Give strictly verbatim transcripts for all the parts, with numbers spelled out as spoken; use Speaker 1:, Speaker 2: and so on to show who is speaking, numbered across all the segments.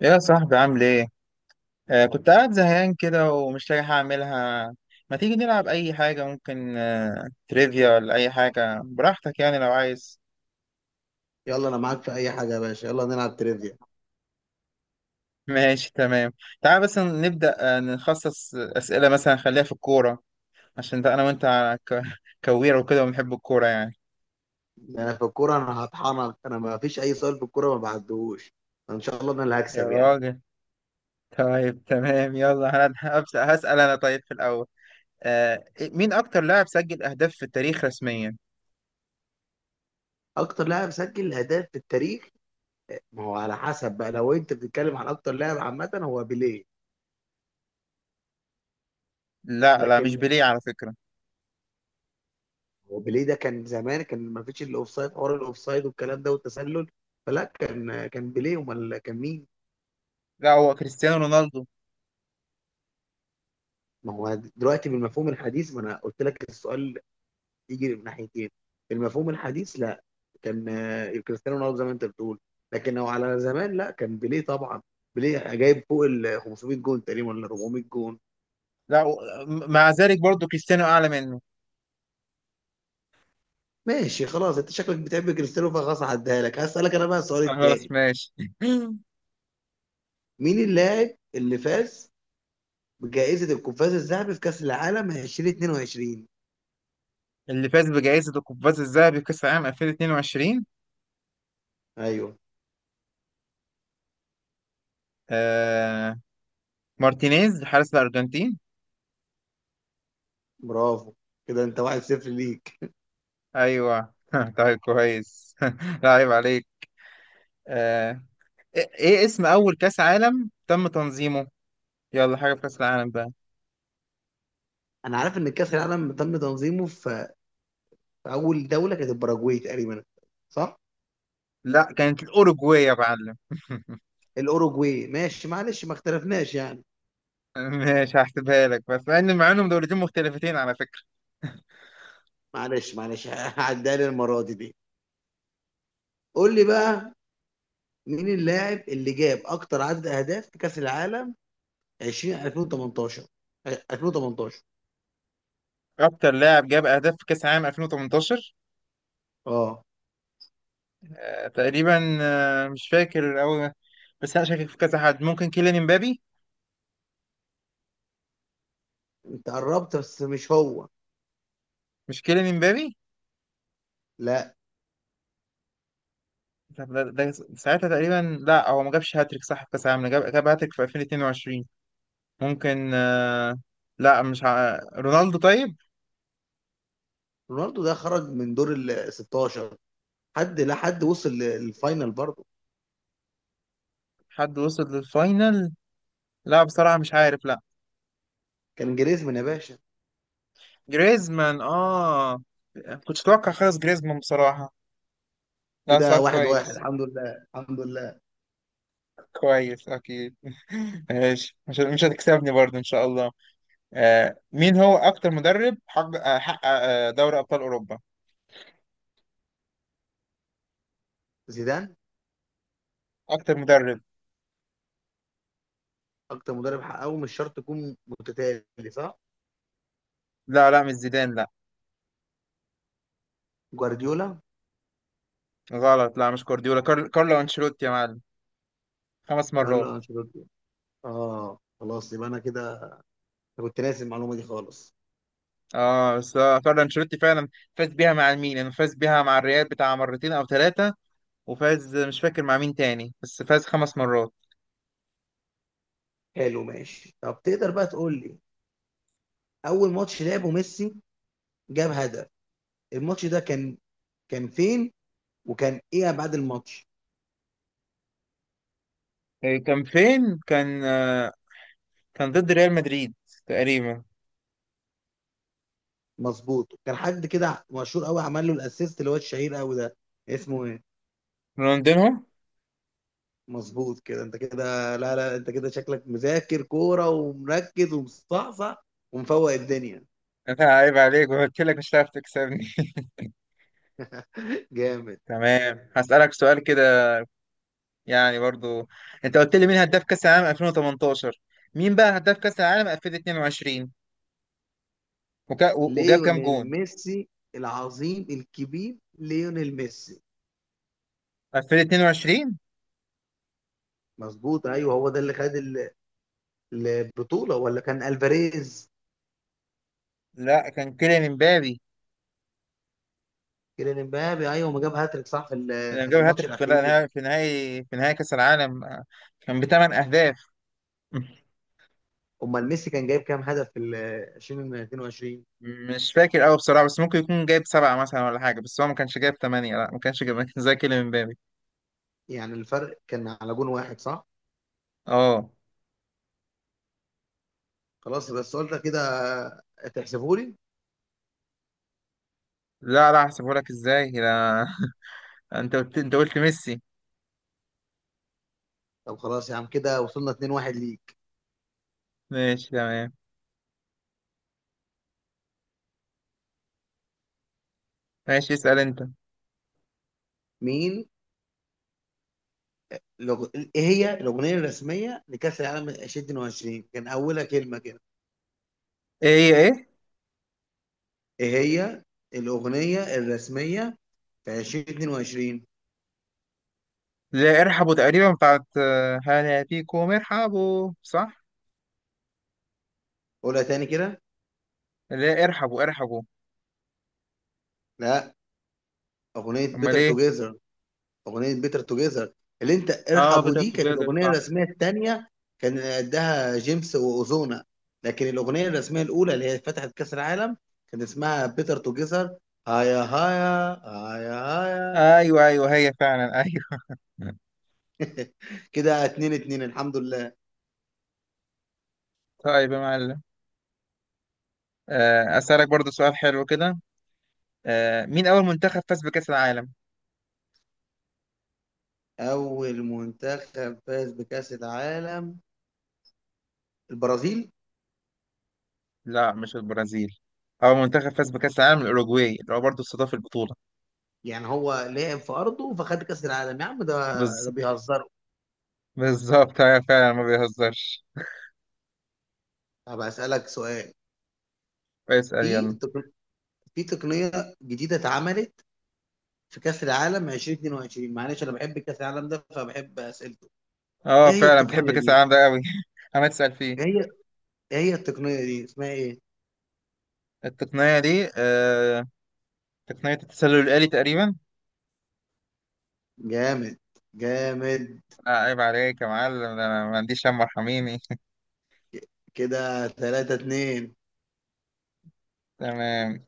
Speaker 1: يا صاحبي، عامل ايه؟ آه كنت قاعد زهقان كده، ومش لاقي حاجة أعملها. ما تيجي نلعب أي حاجة؟ ممكن آه تريفيا، ولا أي حاجة براحتك، يعني لو عايز.
Speaker 2: يلا انا معاك في اي حاجه يا باشا، يلا نلعب تريفيا.
Speaker 1: ماشي تمام. تعال بس نبدأ، آه نخصص أسئلة مثلا، خليها في الكورة، عشان ده أنا وأنت ك- كويرة وكده، وبنحب الكورة يعني.
Speaker 2: انا في الكوره انا هطحنك، انا ما فيش اي سؤال في الكوره ما بعدهوش. ان شاء الله انا اللي
Speaker 1: يا
Speaker 2: هكسب يعني.
Speaker 1: راجل. طيب تمام، يلا أنا هبدأ هسأل أنا، طيب في الأول، آه مين أكتر لاعب سجل أهداف في التاريخ رسميا؟
Speaker 2: اكتر لاعب سجل اهداف في التاريخ؟ ما هو على حسب بقى، لو انت بتتكلم عن اكتر لاعب عامه هو بيليه.
Speaker 1: لا لا، مش
Speaker 2: لكن
Speaker 1: بيليه على فكرة.
Speaker 2: هو بيليه ده كان زمان، كان ما فيش الاوفسايد، حوار الاوفسايد والكلام ده والتسلل. فلا، كان كان بيليه، امال كان مين؟
Speaker 1: لا، هو كريستيانو رونالدو.
Speaker 2: ما هو دلوقتي بالمفهوم الحديث، ما انا قلت لك السؤال يجري من ناحيتين. في المفهوم الحديث لا، كان آه، كريستيانو رونالدو زي ما انت بتقول. لكن لو على زمان لا، كان بيليه طبعا. بيليه جايب فوق ال خمسمية جون تقريبا، ولا أربعمية جون.
Speaker 1: لا و- مع ذلك برضو كريستيانو اعلى منه.
Speaker 2: ماشي خلاص، انت شكلك بتحب كريستيانو، فخلاص هعديها لك. هسألك انا بقى السؤال
Speaker 1: خلاص
Speaker 2: التاني:
Speaker 1: ماشي.
Speaker 2: مين اللاعب اللي فاز بجائزة القفاز الذهبي في كأس العالم ألفين واتنين وعشرين؟
Speaker 1: اللي فاز بجائزة القفاز الذهبي كأس العالم ألفين واتنين وعشرين،
Speaker 2: ايوه.
Speaker 1: آه مارتينيز حارس الأرجنتين.
Speaker 2: برافو، كده انت واحد صفر ليك.
Speaker 1: أيوه. طيب كويس. لا عيب عليك. آه إيه إيه اسم أول كأس عالم تم تنظيمه؟ يلا حاجة في كأس العالم بقى.
Speaker 2: انا عارف ان كأس العالم تم تنظيمه في في اول دولة، كانت الباراجواي تقريبا، صح؟
Speaker 1: لا كانت الأوروجواي يا معلم.
Speaker 2: الاوروجواي، ماشي معلش، ما اختلفناش يعني.
Speaker 1: ماشي، هحسبها لك، بس مع إن مع إنهم دولتين مختلفتين على فكرة.
Speaker 2: معلش معلش، هعديها لي المره دي دي. قول لي بقى، مين اللاعب اللي جاب اكتر عدد اهداف في كاس العالم 20 ألفين وتمنتاشر 2018
Speaker 1: أكتر لاعب جاب أهداف في كأس العالم ألفين وتمنتاشر،
Speaker 2: اه؟
Speaker 1: آه، تقريبا، آه، مش فاكر قوي، بس انا شاكك في كذا حد. ممكن كيليان امبابي.
Speaker 2: انت قربت بس مش هو.
Speaker 1: مش كيليان امبابي.
Speaker 2: لا،
Speaker 1: طب ده, ده ساعتها تقريبا. لا، هو ما جابش هاتريك صح في كاس العالم. جاب جاب هاتريك في ألفين واتنين وعشرين. ممكن. آه، لا مش ع... رونالدو طيب.
Speaker 2: رونالدو ده خرج من دور ال ستاشر. حد، لا حد وصل للفاينل برضه.
Speaker 1: حد وصل للفاينل. لا بصراحة مش عارف، لا.
Speaker 2: كان جريزمان يا باشا.
Speaker 1: جريزمان، اه. كنتش اتوقع خالص جريزمان بصراحة. لا،
Speaker 2: كده
Speaker 1: سؤال
Speaker 2: واحد واحد،
Speaker 1: كويس.
Speaker 2: الحمد لله الحمد لله.
Speaker 1: كويس اكيد. ماشي، مش مش هتكسبني برضه ان شاء الله. آه، مين هو أكتر مدرب حق آه، حقق آه، دوري أبطال أوروبا؟
Speaker 2: زيدان.
Speaker 1: أكتر مدرب.
Speaker 2: اكتر مدرب حققه مش شرط يكون متتالي، صح؟
Speaker 1: لا لا مش زيدان، لا.
Speaker 2: جوارديولا.
Speaker 1: غلط، لا مش جوارديولا. كار... كارلو أنشيلوتي يا معلم. خمس مرات.
Speaker 2: كارلو انشيلوتي. اه خلاص، يبقى انا كده. أنا كنت ناسي المعلومه دي خالص.
Speaker 1: اه بس آه، كارلو أنشيلوتي فعلا فاز بيها مع الميلان، فاز بيها مع الريال بتاع مرتين أو ثلاثة. وفاز مش فاكر مع مين تاني، بس فاز خمس مرات.
Speaker 2: حلو ماشي. طب تقدر بقى تقول لي اول ماتش لعبه ميسي جاب هدف، الماتش ده كان كان فين؟ وكان ايه بعد الماتش؟
Speaker 1: آه، كان فين؟ كان آه، كان ضد ريال مدريد تقريبا.
Speaker 2: مظبوط. كان حد كده مشهور قوي عمل له الاسيست، اللي هو الشهير قوي ده، اسمه ايه؟
Speaker 1: رونالدينهو؟
Speaker 2: مظبوط، كده انت كده. لا لا، انت كده شكلك مذاكر كوره ومركز ومصحصح ومفوق الدنيا.
Speaker 1: لا عيب عليك، قلت لك مش هتعرف تكسبني.
Speaker 2: جامد.
Speaker 1: تمام، هسألك سؤال كده، يعني برضو. انت قلت لي مين هداف كاس العالم ألفين وتمنتاشر، مين بقى هداف كاس العالم ألفين واتنين وعشرين، وكا... و- وجاب كام
Speaker 2: ليونيل
Speaker 1: جون؟
Speaker 2: ميسي العظيم الكبير ليونيل ميسي.
Speaker 1: ألفين واتنين وعشرين.
Speaker 2: مظبوط ايوه، هو ده اللي خد ال- البطوله، ولا كان الفاريز؟
Speaker 1: لا كان كيليان امبابي
Speaker 2: كيليان امبابي، ايوه ما جاب هاتريك صح في ال-
Speaker 1: لما
Speaker 2: في
Speaker 1: جاب
Speaker 2: الماتش
Speaker 1: هاتريك في
Speaker 2: الاخير.
Speaker 1: نهائي في نهائي في نهائي كاس العالم، آه، كان بثمان اهداف.
Speaker 2: امال ميسي كان جايب كام هدف في ال ألفين واتنين وعشرين؟
Speaker 1: مش فاكر قوي بصراحه، بس ممكن يكون جايب سبعه مثلا ولا حاجه، بس هو ما كانش جايب ثمانيه، لا ما كانش جايب زي كيليان امبابي.
Speaker 2: يعني الفرق كان على جون واحد، صح؟
Speaker 1: اه.
Speaker 2: خلاص، بس السؤال ده كده تحسبه لي.
Speaker 1: لا لا، هحسبه لك ازاي؟ لا. انت قلت انت قلت ميسي.
Speaker 2: طب خلاص يا عم، كده وصلنا اتنين واحد ليك.
Speaker 1: ماشي تمام. ماشي اسال انت.
Speaker 2: مين لغ... ايه هي الاغنيه الرسميه لكاس العالم ألفين واتنين وعشرين؟ كان اولها كلمه كده.
Speaker 1: ايه ايه إيه؟
Speaker 2: ايه هي الاغنيه الرسميه في ألفين واتنين وعشرين؟
Speaker 1: اللي هي ارحبوا تقريبا، بتاعت آه، هلا فيكم، ارحبوا صح.
Speaker 2: قولها تاني كده.
Speaker 1: اللي هي ارحبوا ارحبوا.
Speaker 2: لا. اغنيه
Speaker 1: امال
Speaker 2: بيتر
Speaker 1: ايه.
Speaker 2: توجيزر. اغنيه بيتر توجيزر، اللي انت
Speaker 1: اه
Speaker 2: ارحبوا
Speaker 1: بيتر
Speaker 2: دي كانت
Speaker 1: توجيزر
Speaker 2: الاغنيه
Speaker 1: صح.
Speaker 2: الرسميه الثانيه. كان قدها جيمس واوزونا. لكن الاغنيه الرسميه الاولى اللي هي فتحت كاس العالم كان اسمها بيتر توجيزر، هايا هايا هايا هايا.
Speaker 1: ايوه ايوه، هي فعلا، ايوه.
Speaker 2: كده اتنين اتنين، الحمد لله.
Speaker 1: طيب يا معلم. آه، اسالك برضو سؤال حلو كده. آه، مين اول منتخب فاز بكاس العالم؟
Speaker 2: اول منتخب فاز بكاس العالم: البرازيل.
Speaker 1: لا مش البرازيل. اول منتخب فاز بكاس العالم الاوروجواي، اللي هو برضو استضاف البطوله.
Speaker 2: يعني هو لعب في ارضه فخد كاس العالم يا عم، ده
Speaker 1: بالظ-
Speaker 2: ده بيهزروا.
Speaker 1: بالظبط. ايوه فعلا، ما بيهزرش.
Speaker 2: طب هسألك سؤال:
Speaker 1: اسال
Speaker 2: في
Speaker 1: يلا.
Speaker 2: تقن- في تقنيه جديده اتعملت في كأس العالم ألفين واتنين وعشرين، معلش انا بحب كأس العالم ده فبحب اسئلته. ايه
Speaker 1: اه
Speaker 2: هي
Speaker 1: فعلا، بتحب
Speaker 2: التقنية
Speaker 1: كاس
Speaker 2: دي؟
Speaker 1: العالم ده قوي. انا تسال فيه.
Speaker 2: ايه هي ايه هي التقنية دي اسمها ايه؟
Speaker 1: التقنيه دي، آه، تقنية التسلل الآلي تقريبا.
Speaker 2: جامد. جامد.
Speaker 1: لا عيب عليك يا معلم، ده أنا ما عنديش هم، ارحميني.
Speaker 2: كده تلاتة اتنين.
Speaker 1: تمام.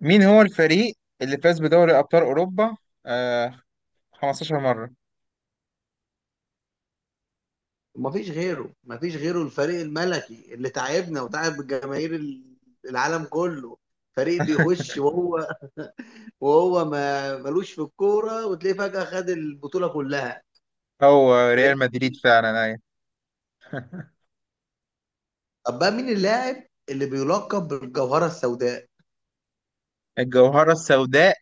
Speaker 1: مين هو الفريق اللي فاز بدوري أبطال أوروبا آه 15 مرة؟
Speaker 2: مفيش غيره، مفيش غيره، الفريق الملكي اللي تعبنا وتعب الجماهير ال- العالم كله. فريق بيخش وهو وهو ما ملوش في الكورة، وتلاقيه فجأة خد البطولة كلها.
Speaker 1: هو
Speaker 2: ريال
Speaker 1: ريال مدريد
Speaker 2: مدريد.
Speaker 1: فعلا، أيوة.
Speaker 2: طب بقى، مين اللاعب اللي بيلقب بالجوهرة السوداء؟
Speaker 1: الجوهرة السوداء،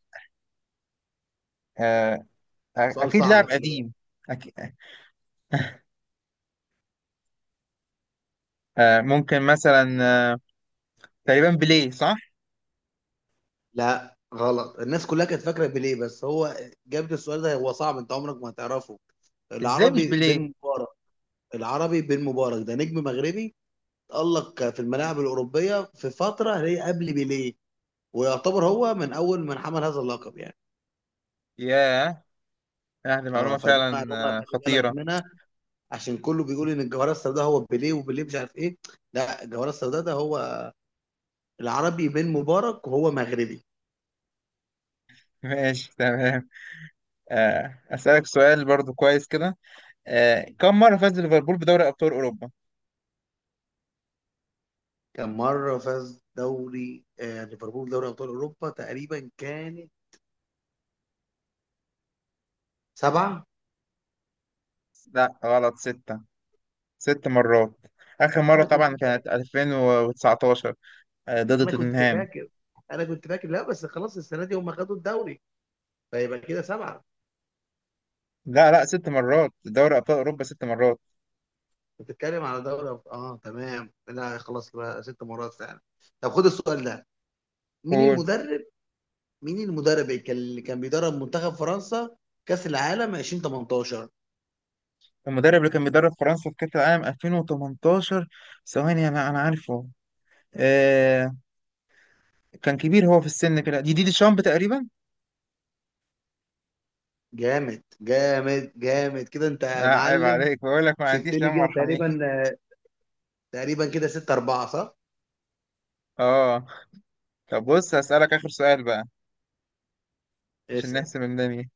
Speaker 1: آه أ-
Speaker 2: سؤال
Speaker 1: أكيد
Speaker 2: صعب
Speaker 1: لاعب
Speaker 2: ده، خلي بالك.
Speaker 1: قديم. أكيد. آه ممكن مثلا، آه تقريبا بيليه صح؟
Speaker 2: لا غلط، الناس كلها كانت فاكره بيليه، بس هو جاب لي السؤال ده هو صعب، انت عمرك ما هتعرفه.
Speaker 1: إزاي مش
Speaker 2: العربي بن
Speaker 1: بيليه؟
Speaker 2: مبارك. العربي بن مبارك ده نجم مغربي، تألق في الملاعب الأوروبية في فترة هي قبل بيليه، ويعتبر هو من أول من حمل هذا اللقب يعني.
Speaker 1: ياه. آه دي
Speaker 2: اه،
Speaker 1: معلومة
Speaker 2: فدي
Speaker 1: فعلا
Speaker 2: معلومة
Speaker 1: آه
Speaker 2: خلي بالك
Speaker 1: خطيرة.
Speaker 2: منها، عشان كله بيقول إن الجوهرة السوداء هو بيليه وبيليه مش عارف إيه. لا، الجوهرة السوداء ده هو العربي بن مبارك، وهو مغربي.
Speaker 1: ماشي تمام. آه أسألك سؤال برضو كويس كده. آه، كم مرة فاز ليفربول بدوري أبطال أوروبا؟
Speaker 2: كان مرة فاز دوري آه، ليفربول دوري أبطال أوروبا تقريبا كان سبعة.
Speaker 1: لا غلط، ستة، ست مرات. آخر مرة
Speaker 2: أنا كنت
Speaker 1: طبعا كانت ألفين وتسعتاشر، آه، ضد
Speaker 2: أنا كنت
Speaker 1: توتنهام.
Speaker 2: فاكر، أنا كنت فاكر، لا بس خلاص السنة دي هم خدوا الدوري، فيبقى كده سبعة.
Speaker 1: لا لا، ست مرات دوري أبطال أوروبا، ست مرات.
Speaker 2: بتتكلم على دوري أبطال، آه تمام، لا خلاص بقى ست مرات فعلا. طب خد السؤال ده. مين
Speaker 1: قول.
Speaker 2: المدرب مين المدرب اللي كان اللي كان بيدرب منتخب فرنسا كأس العالم ألفين وتمنتاشر؟
Speaker 1: المدرب اللي كان بيدرب فرنسا في كأس العالم ألفين وتمنتاشر، ثواني، أنا أنا عارفه. آه كان كبير هو في السن كده، دي دي دي شامب تقريبا.
Speaker 2: جامد جامد جامد كده أنت
Speaker 1: آه
Speaker 2: يا
Speaker 1: عيب
Speaker 2: معلم.
Speaker 1: عليك، بقول لك ما عنديش يا
Speaker 2: كسبتني
Speaker 1: عم،
Speaker 2: كده
Speaker 1: ارحميني.
Speaker 2: تقريبا، تقريبا كده ستة أربعة، صح؟
Speaker 1: اه. طب بص، هسألك آخر سؤال بقى، عشان
Speaker 2: اسأل.
Speaker 1: نحسم الدنيا.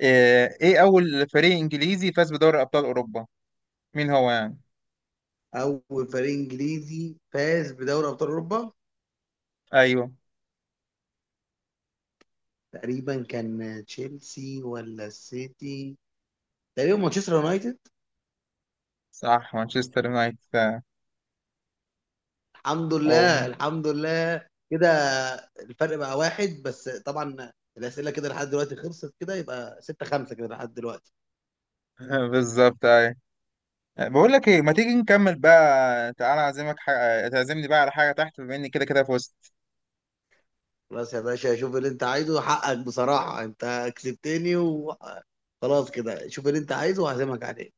Speaker 1: آه، ايه اول فريق انجليزي فاز بدوري ابطال اوروبا؟ مين هو يعني؟
Speaker 2: أول فريق إنجليزي فاز بدوري أبطال أوروبا؟
Speaker 1: ايوه.
Speaker 2: تقريبا كان تشيلسي ولا السيتي. تقريبا مانشستر يونايتد.
Speaker 1: صح مانشستر يونايتد، آه،
Speaker 2: الحمد لله
Speaker 1: أوه.
Speaker 2: الحمد لله كده. الفرق بقى واحد بس طبعا. الأسئلة كده لحد دلوقتي خلصت كده، يبقى ستة خمسة كده لحد دلوقتي.
Speaker 1: بالظبط ايوه. بقول لك ايه، ما تيجي نكمل بقى؟ تعالى اعزمك حاجة، تعزمني بقى على حاجه تحت، بما اني كده كده فزت.
Speaker 2: خلاص يا باشا، شوف اللي انت عايزه، حقك بصراحة انت كسبتني وخلاص. كده شوف اللي انت عايزه وهعزمك عليه.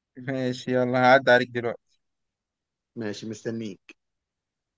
Speaker 1: ماشي يلا، هعدي عليك دلوقتي.
Speaker 2: ماشي مستنيك.